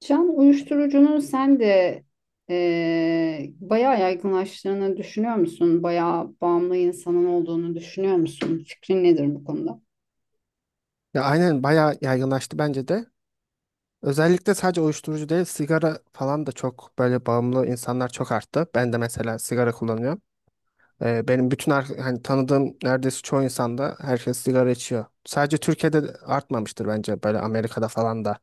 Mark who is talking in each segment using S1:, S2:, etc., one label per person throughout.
S1: Can uyuşturucunun sen de bayağı yaygınlaştığını düşünüyor musun? Bayağı bağımlı insanın olduğunu düşünüyor musun? Fikrin nedir bu konuda?
S2: Ya aynen bayağı yaygınlaştı bence de. Özellikle sadece uyuşturucu değil, sigara falan da çok böyle bağımlı insanlar çok arttı. Ben de mesela sigara kullanıyorum. Benim bütün hani tanıdığım neredeyse çoğu insanda herkes sigara içiyor. Sadece Türkiye'de de artmamıştır bence böyle Amerika'da falan da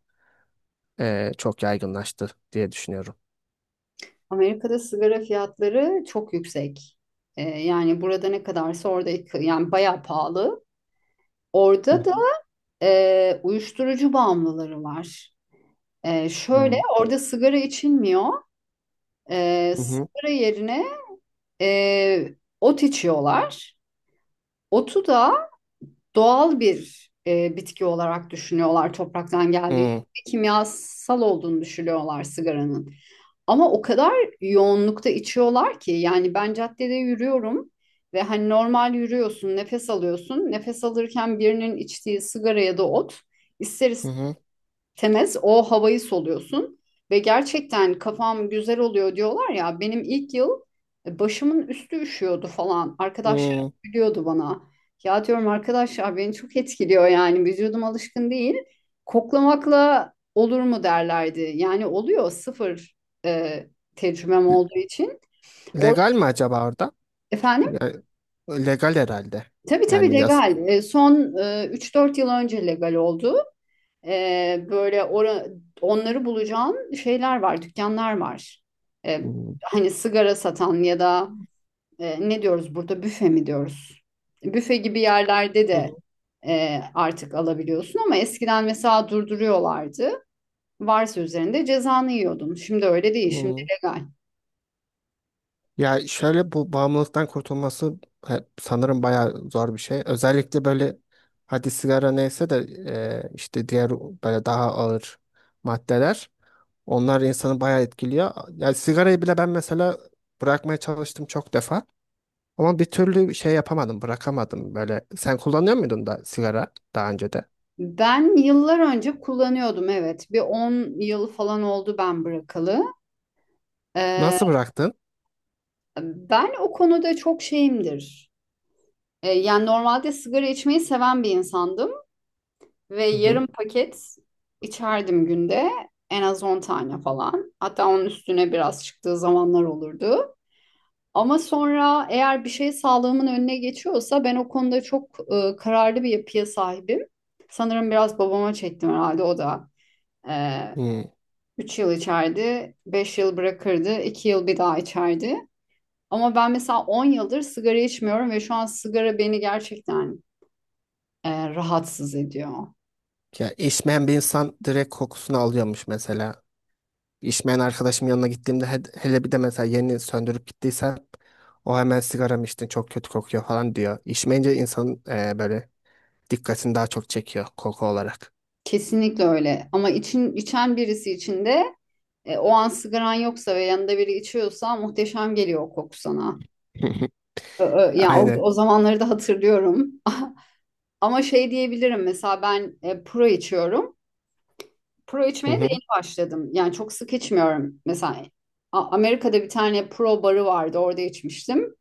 S2: çok yaygınlaştı diye düşünüyorum.
S1: Amerika'da sigara fiyatları çok yüksek. Yani burada ne kadarsa orada yani bayağı pahalı. Orada da uyuşturucu bağımlıları var. Şöyle
S2: Hı.
S1: orada sigara içilmiyor.
S2: Hı hı.
S1: Sigara yerine eee, ot içiyorlar. Otu da doğal bir bitki olarak düşünüyorlar topraktan
S2: Hı
S1: geldiği için.
S2: hı.
S1: Kimyasal olduğunu düşünüyorlar sigaranın. Ama o kadar yoğunlukta içiyorlar ki yani ben caddede yürüyorum ve hani normal yürüyorsun, nefes alıyorsun. Nefes alırken birinin içtiği sigara ya da ot ister
S2: Hı
S1: istemez
S2: hı.
S1: temiz o havayı soluyorsun ve gerçekten kafam güzel oluyor diyorlar ya. Benim ilk yıl başımın üstü üşüyordu falan, arkadaşlarım
S2: Hı.
S1: gülüyordu bana. Ya diyorum arkadaşlar beni çok etkiliyor, yani vücudum alışkın değil. Koklamakla olur mu derlerdi. Yani oluyor, sıfır e, tecrübem olduğu için. Or-
S2: Legal mi acaba orada?
S1: Efendim?
S2: Yani, legal herhalde.
S1: Tabii tabii,
S2: Yani yas.
S1: legal. Son 3-4 yıl önce legal oldu. Böyle onları bulacağın şeyler var, dükkanlar var. Ee,
S2: Hı hı.
S1: hani sigara satan ya da ne diyoruz burada, büfe mi diyoruz? Büfe gibi yerlerde
S2: Hı
S1: de artık alabiliyorsun, ama eskiden mesela durduruyorlardı. Varsa üzerinde cezanı yiyordun. Şimdi öyle değil, şimdi
S2: hı.
S1: legal.
S2: Ya şöyle bu bağımlılıktan kurtulması sanırım bayağı zor bir şey. Özellikle böyle hadi sigara neyse de işte diğer böyle daha ağır maddeler onlar insanı bayağı etkiliyor. Yani sigarayı bile ben mesela bırakmaya çalıştım çok defa ama bir türlü şey yapamadım, bırakamadım böyle. Sen kullanıyor muydun da sigara daha önce de?
S1: Ben yıllar önce kullanıyordum, evet. Bir 10 yıl falan oldu ben bırakalı. Ee,
S2: Nasıl bıraktın?
S1: ben o konuda çok şeyimdir. Yani normalde sigara içmeyi seven bir insandım ve
S2: Hı hı.
S1: yarım paket içerdim günde. En az 10 tane falan. Hatta onun üstüne biraz çıktığı zamanlar olurdu. Ama sonra eğer bir şey sağlığımın önüne geçiyorsa, ben o konuda çok kararlı bir yapıya sahibim. Sanırım biraz babama çektim herhalde, o da. e,
S2: Hı.
S1: 3 yıl içerdi, 5 yıl bırakırdı, 2 yıl bir daha içerdi. Ama ben mesela 10 yıldır sigara içmiyorum ve şu an sigara beni gerçekten rahatsız ediyor.
S2: Ya içmeyen bir insan direkt kokusunu alıyormuş mesela. İçmeyen arkadaşım yanına gittiğimde hele bir de mesela yeni söndürüp gittiyse o hemen sigara içtin çok kötü kokuyor falan diyor. İçmeyince insanın böyle dikkatini daha çok çekiyor koku olarak.
S1: Kesinlikle öyle. Ama içen birisi için de o an sigaran yoksa ve yanında biri içiyorsa muhteşem geliyor o koku sana. Ya o,
S2: Aynen.
S1: o zamanları da hatırlıyorum. Ama şey diyebilirim, mesela ben pro içiyorum. Pro içmeye
S2: Hı
S1: de
S2: hı.
S1: yeni başladım. Yani çok sık içmiyorum. Mesela Amerika'da bir tane pro barı vardı. Orada içmiştim.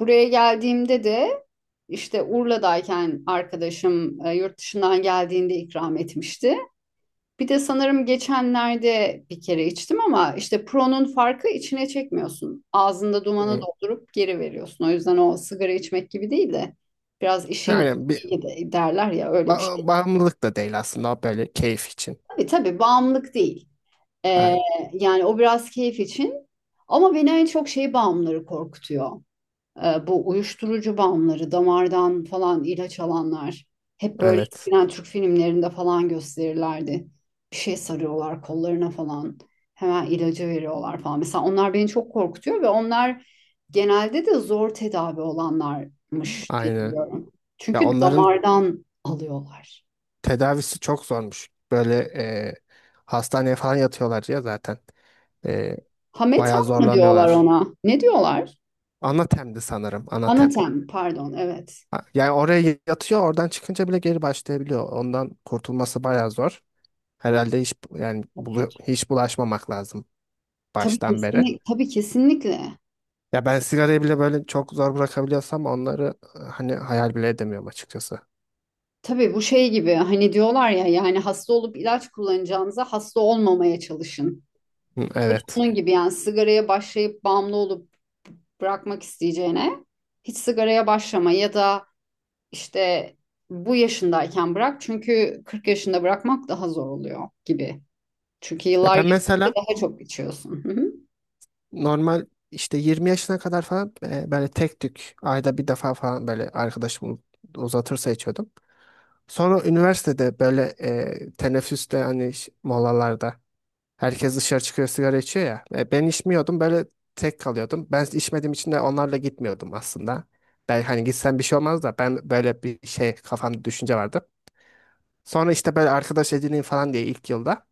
S1: Buraya geldiğimde de işte Urla'dayken arkadaşım yurt dışından geldiğinde ikram etmişti. Bir de sanırım geçenlerde bir kere içtim, ama işte Pro'nun farkı, içine çekmiyorsun. Ağzında dumanı
S2: Hı.
S1: doldurup geri veriyorsun. O yüzden o sigara içmek gibi değil de biraz işin
S2: Aynen. Bir
S1: gereği de derler ya, öyle bir şey.
S2: bağımlılık da değil aslında o böyle keyif için.
S1: Tabii tabii, bağımlılık değil. Ee,
S2: Aynen.
S1: yani o biraz keyif için. Ama beni en çok şey bağımlıları korkutuyor. Bu uyuşturucu bağımlıları, damardan falan ilaç alanlar. Hep böyle
S2: Evet.
S1: eskiden Türk filmlerinde falan gösterirlerdi. Bir şey sarıyorlar kollarına falan. Hemen ilacı veriyorlar falan. Mesela onlar beni çok korkutuyor ve onlar genelde de zor tedavi olanlarmış diye
S2: Aynen.
S1: biliyorum.
S2: Ya
S1: Çünkü
S2: onların
S1: damardan alıyorlar.
S2: tedavisi çok zormuş. Böyle hastaneye falan yatıyorlar ya zaten. E, Bayağı
S1: Hametan mı diyorlar
S2: zorlanıyorlar.
S1: ona? Ne diyorlar?
S2: Anatem'di sanırım. Anatem.
S1: Anatem, pardon, evet.
S2: Ha, yani oraya yatıyor, oradan çıkınca bile geri başlayabiliyor. Ondan kurtulması bayağı zor. Herhalde hiç yani
S1: Çok kötü.
S2: hiç bulaşmamak lazım
S1: Tabii
S2: baştan beri.
S1: kesinlikle, tabii kesinlikle.
S2: Ya ben sigarayı bile böyle çok zor bırakabiliyorsam onları hani hayal bile edemiyorum açıkçası.
S1: Tabii, bu şey gibi. Hani diyorlar ya, yani hasta olup ilaç kullanacağınıza hasta olmamaya çalışın.
S2: Hı,
S1: Bu da
S2: evet.
S1: onun gibi. Yani sigaraya başlayıp bağımlı olup bırakmak isteyeceğine hiç sigaraya başlama, ya da işte bu yaşındayken bırak çünkü 40 yaşında bırakmak daha zor oluyor gibi. Çünkü
S2: Ya
S1: yıllar
S2: ben
S1: geçtikçe
S2: mesela
S1: daha çok içiyorsun. Hı hı.
S2: normal işte 20 yaşına kadar falan böyle tek tük ayda bir defa falan böyle arkadaşım uzatırsa içiyordum. Sonra üniversitede böyle teneffüste hani molalarda herkes dışarı çıkıyor sigara içiyor ya. Ben içmiyordum böyle tek kalıyordum. Ben içmediğim için de onlarla gitmiyordum aslında. Ben hani gitsem bir şey olmaz da ben böyle bir şey kafamda düşünce vardı. Sonra işte böyle arkadaş edineyim falan diye ilk yılda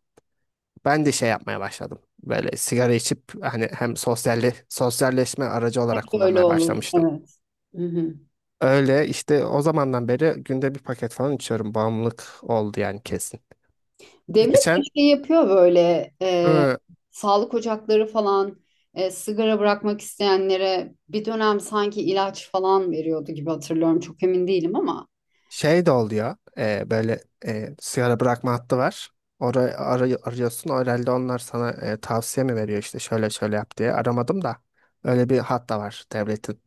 S2: ben de şey yapmaya başladım. Böyle sigara içip hani hem sosyalli, sosyalleşme aracı olarak
S1: Öyle
S2: kullanmaya
S1: olur.
S2: başlamıştım.
S1: Evet. Hı hı.
S2: Öyle işte o zamandan beri günde bir paket falan içiyorum. Bağımlılık oldu yani kesin.
S1: Devlet de
S2: Geçen
S1: şey yapıyor böyle,
S2: hı,
S1: sağlık ocakları falan, sigara bırakmak isteyenlere bir dönem sanki ilaç falan veriyordu gibi hatırlıyorum. Çok emin değilim, ama
S2: şey de oluyor. Böyle sigara bırakma hattı var. Orayı arıyorsun. Herhalde onlar sana tavsiye mi veriyor işte şöyle şöyle yap diye. Aramadım da. Öyle bir hat da var devletin.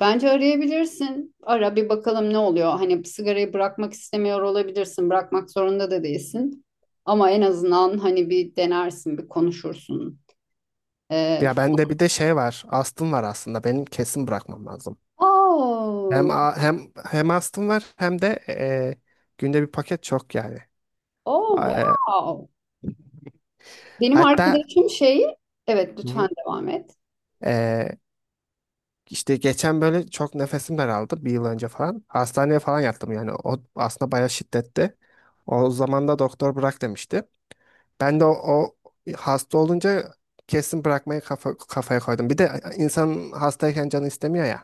S1: bence arayabilirsin. Ara bir bakalım ne oluyor. Hani sigarayı bırakmak istemiyor olabilirsin. Bırakmak zorunda da değilsin. Ama en azından hani bir denersin, bir konuşursun. E,
S2: Ya bende bir de şey var. Astım var aslında. Benim kesin bırakmam lazım. Hem
S1: oh.
S2: hem astım var hem de günde bir paket çok yani.
S1: Oh
S2: E,
S1: wow. Benim
S2: hatta
S1: arkadaşım şeyi, evet
S2: hı
S1: lütfen
S2: hı.
S1: devam et.
S2: E, işte geçen böyle çok nefesim daraldı bir yıl önce falan. Hastaneye falan yattım yani. O aslında bayağı şiddetli. O zaman da doktor bırak demişti. Ben de o hasta olunca kesin bırakmayı kafaya koydum. Bir de insan hastayken canı istemiyor ya.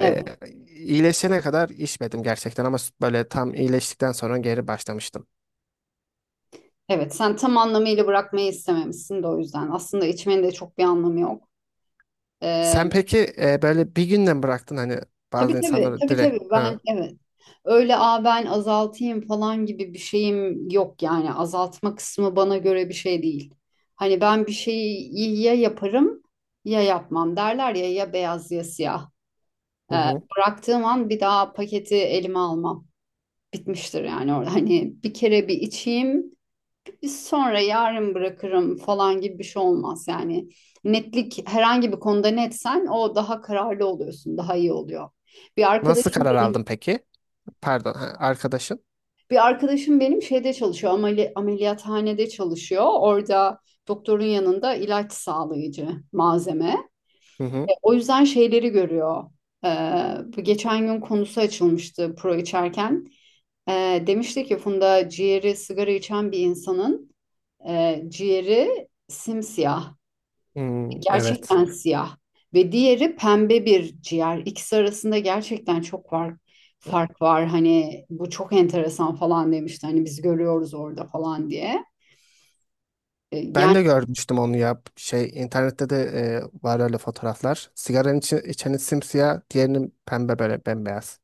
S1: Evet,
S2: E, iyileşene kadar içmedim gerçekten ama böyle tam iyileştikten sonra geri başlamıştım.
S1: evet. Sen tam anlamıyla bırakmayı istememişsin de o yüzden. Aslında içmenin de çok bir anlamı yok. Ee,
S2: Sen peki böyle bir günden bıraktın hani
S1: Tabii
S2: bazı
S1: tabii
S2: insanları
S1: tabii
S2: direkt?
S1: tabii ben,
S2: Ha.
S1: evet, öyle. Ben azaltayım falan gibi bir şeyim yok. Yani azaltma kısmı bana göre bir şey değil. Hani ben bir şeyi ya yaparım ya yapmam derler ya, ya beyaz ya siyah.
S2: Hı
S1: Ee,
S2: hı.
S1: bıraktığım an bir daha paketi elime almam, bitmiştir yani. Orada hani bir kere bir içeyim, biz sonra yarın bırakırım falan gibi bir şey olmaz yani. Netlik. Herhangi bir konuda netsen o daha kararlı oluyorsun, daha iyi oluyor. Bir
S2: Nasıl
S1: arkadaşım
S2: karar aldın
S1: benim
S2: peki? Pardon, ha, arkadaşın?
S1: Bir arkadaşım benim şeyde çalışıyor, ameliyathanede çalışıyor. Orada doktorun yanında ilaç sağlayıcı malzeme.
S2: Hı hı.
S1: O yüzden şeyleri görüyor. Ee, bu geçen gün konusu açılmıştı pro içerken. Demişti ki, Funda, ciğeri sigara içen bir insanın ciğeri simsiyah.
S2: Hmm, evet.
S1: Gerçekten siyah ve diğeri pembe bir ciğer. İkisi arasında gerçekten çok fark var. Hani bu çok enteresan falan demişti. Hani biz görüyoruz orada falan diye.
S2: Ben
S1: Yani
S2: de görmüştüm onu ya. Şey internette de var öyle fotoğraflar. Sigaranın içi, içeni simsiyah, diğerinin pembe böyle bembeyaz.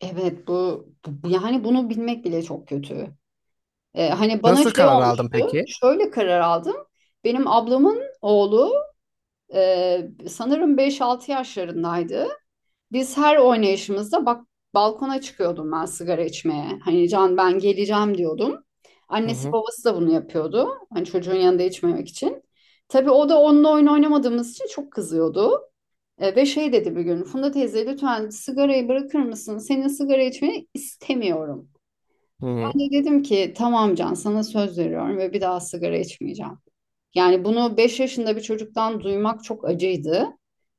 S1: evet, yani bunu bilmek bile çok kötü. Hani bana
S2: Nasıl
S1: şey
S2: karar aldın
S1: olmuştu.
S2: peki?
S1: Şöyle karar aldım. Benim ablamın oğlu sanırım 5-6 yaşlarındaydı. Biz her oynayışımızda bak, balkona çıkıyordum ben sigara içmeye. Hani Can ben geleceğim diyordum.
S2: Hı
S1: Annesi
S2: hı.
S1: babası da bunu yapıyordu. Hani çocuğun yanında içmemek için. Tabii o da onunla oyun oynamadığımız için çok kızıyordu. Ve şey dedi bir gün: Funda teyze lütfen sigarayı bırakır mısın? Senin sigara içmeni istemiyorum.
S2: Hı
S1: Ben de dedim ki, tamam Can, sana söz veriyorum ve bir daha sigara içmeyeceğim. Yani bunu 5 yaşında bir çocuktan duymak çok acıydı.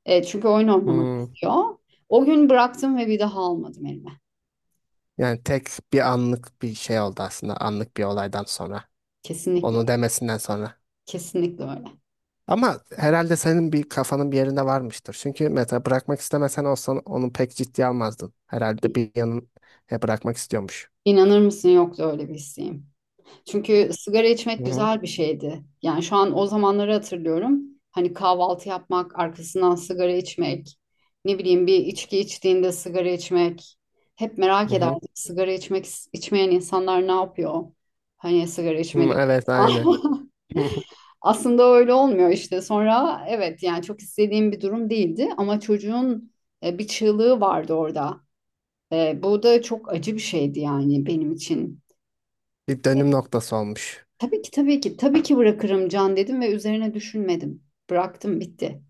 S1: Çünkü oyun oynamak
S2: hı.
S1: istiyor. O gün bıraktım ve bir daha almadım elime.
S2: Yani tek bir anlık bir şey oldu aslında. Anlık bir olaydan sonra.
S1: Kesinlikle
S2: Onu
S1: öyle.
S2: demesinden sonra.
S1: Kesinlikle öyle.
S2: Ama herhalde senin bir kafanın bir yerinde varmıştır. Çünkü mesela bırakmak istemesen olsan onu pek ciddiye almazdın. Herhalde bir yanın bırakmak istiyormuş.
S1: İnanır mısın, yoktu öyle bir isteğim. Çünkü sigara
S2: Hı
S1: içmek
S2: hı.
S1: güzel bir şeydi. Yani şu an o zamanları hatırlıyorum. Hani kahvaltı yapmak, arkasından sigara içmek, ne bileyim bir içki içtiğinde sigara içmek. Hep merak
S2: Hı hı.
S1: ederdim, sigara içmek içmeyen insanlar ne yapıyor? Hani sigara
S2: Hı,
S1: içmedik.
S2: evet aynı.
S1: Aslında öyle olmuyor işte. Sonra evet, yani çok istediğim bir durum değildi, ama çocuğun bir çığlığı vardı orada. Bu da çok acı bir şeydi yani benim için.
S2: Bir dönüm noktası olmuş.
S1: Tabii ki tabii ki tabii ki bırakırım Can dedim ve üzerine düşünmedim. Bıraktım, bitti.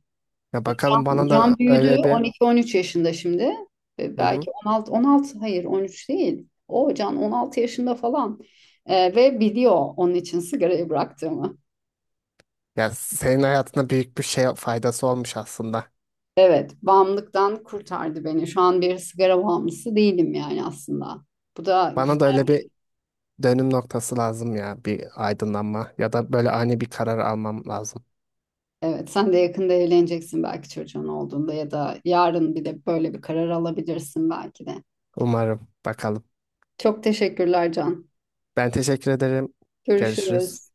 S2: Ya bakalım bana da
S1: Can büyüdü,
S2: öyle bir
S1: 12-13 yaşında şimdi.
S2: hı hı.
S1: Belki 16, 16, hayır 13 değil. O Can 16 yaşında falan. Ve biliyor onun için sigarayı bıraktığımı.
S2: Ya senin hayatına büyük bir şey faydası olmuş aslında.
S1: Evet, bağımlılıktan kurtardı beni. Şu an bir sigara bağımlısı değilim yani aslında. Bu da güzel.
S2: Bana da öyle bir dönüm noktası lazım ya bir aydınlanma ya da böyle ani bir karar almam lazım.
S1: Evet, sen de yakında evleneceksin, belki çocuğun olduğunda ya da yarın bir de böyle bir karar alabilirsin belki de.
S2: Umarım bakalım.
S1: Çok teşekkürler Can.
S2: Ben teşekkür ederim. Görüşürüz.
S1: Görüşürüz.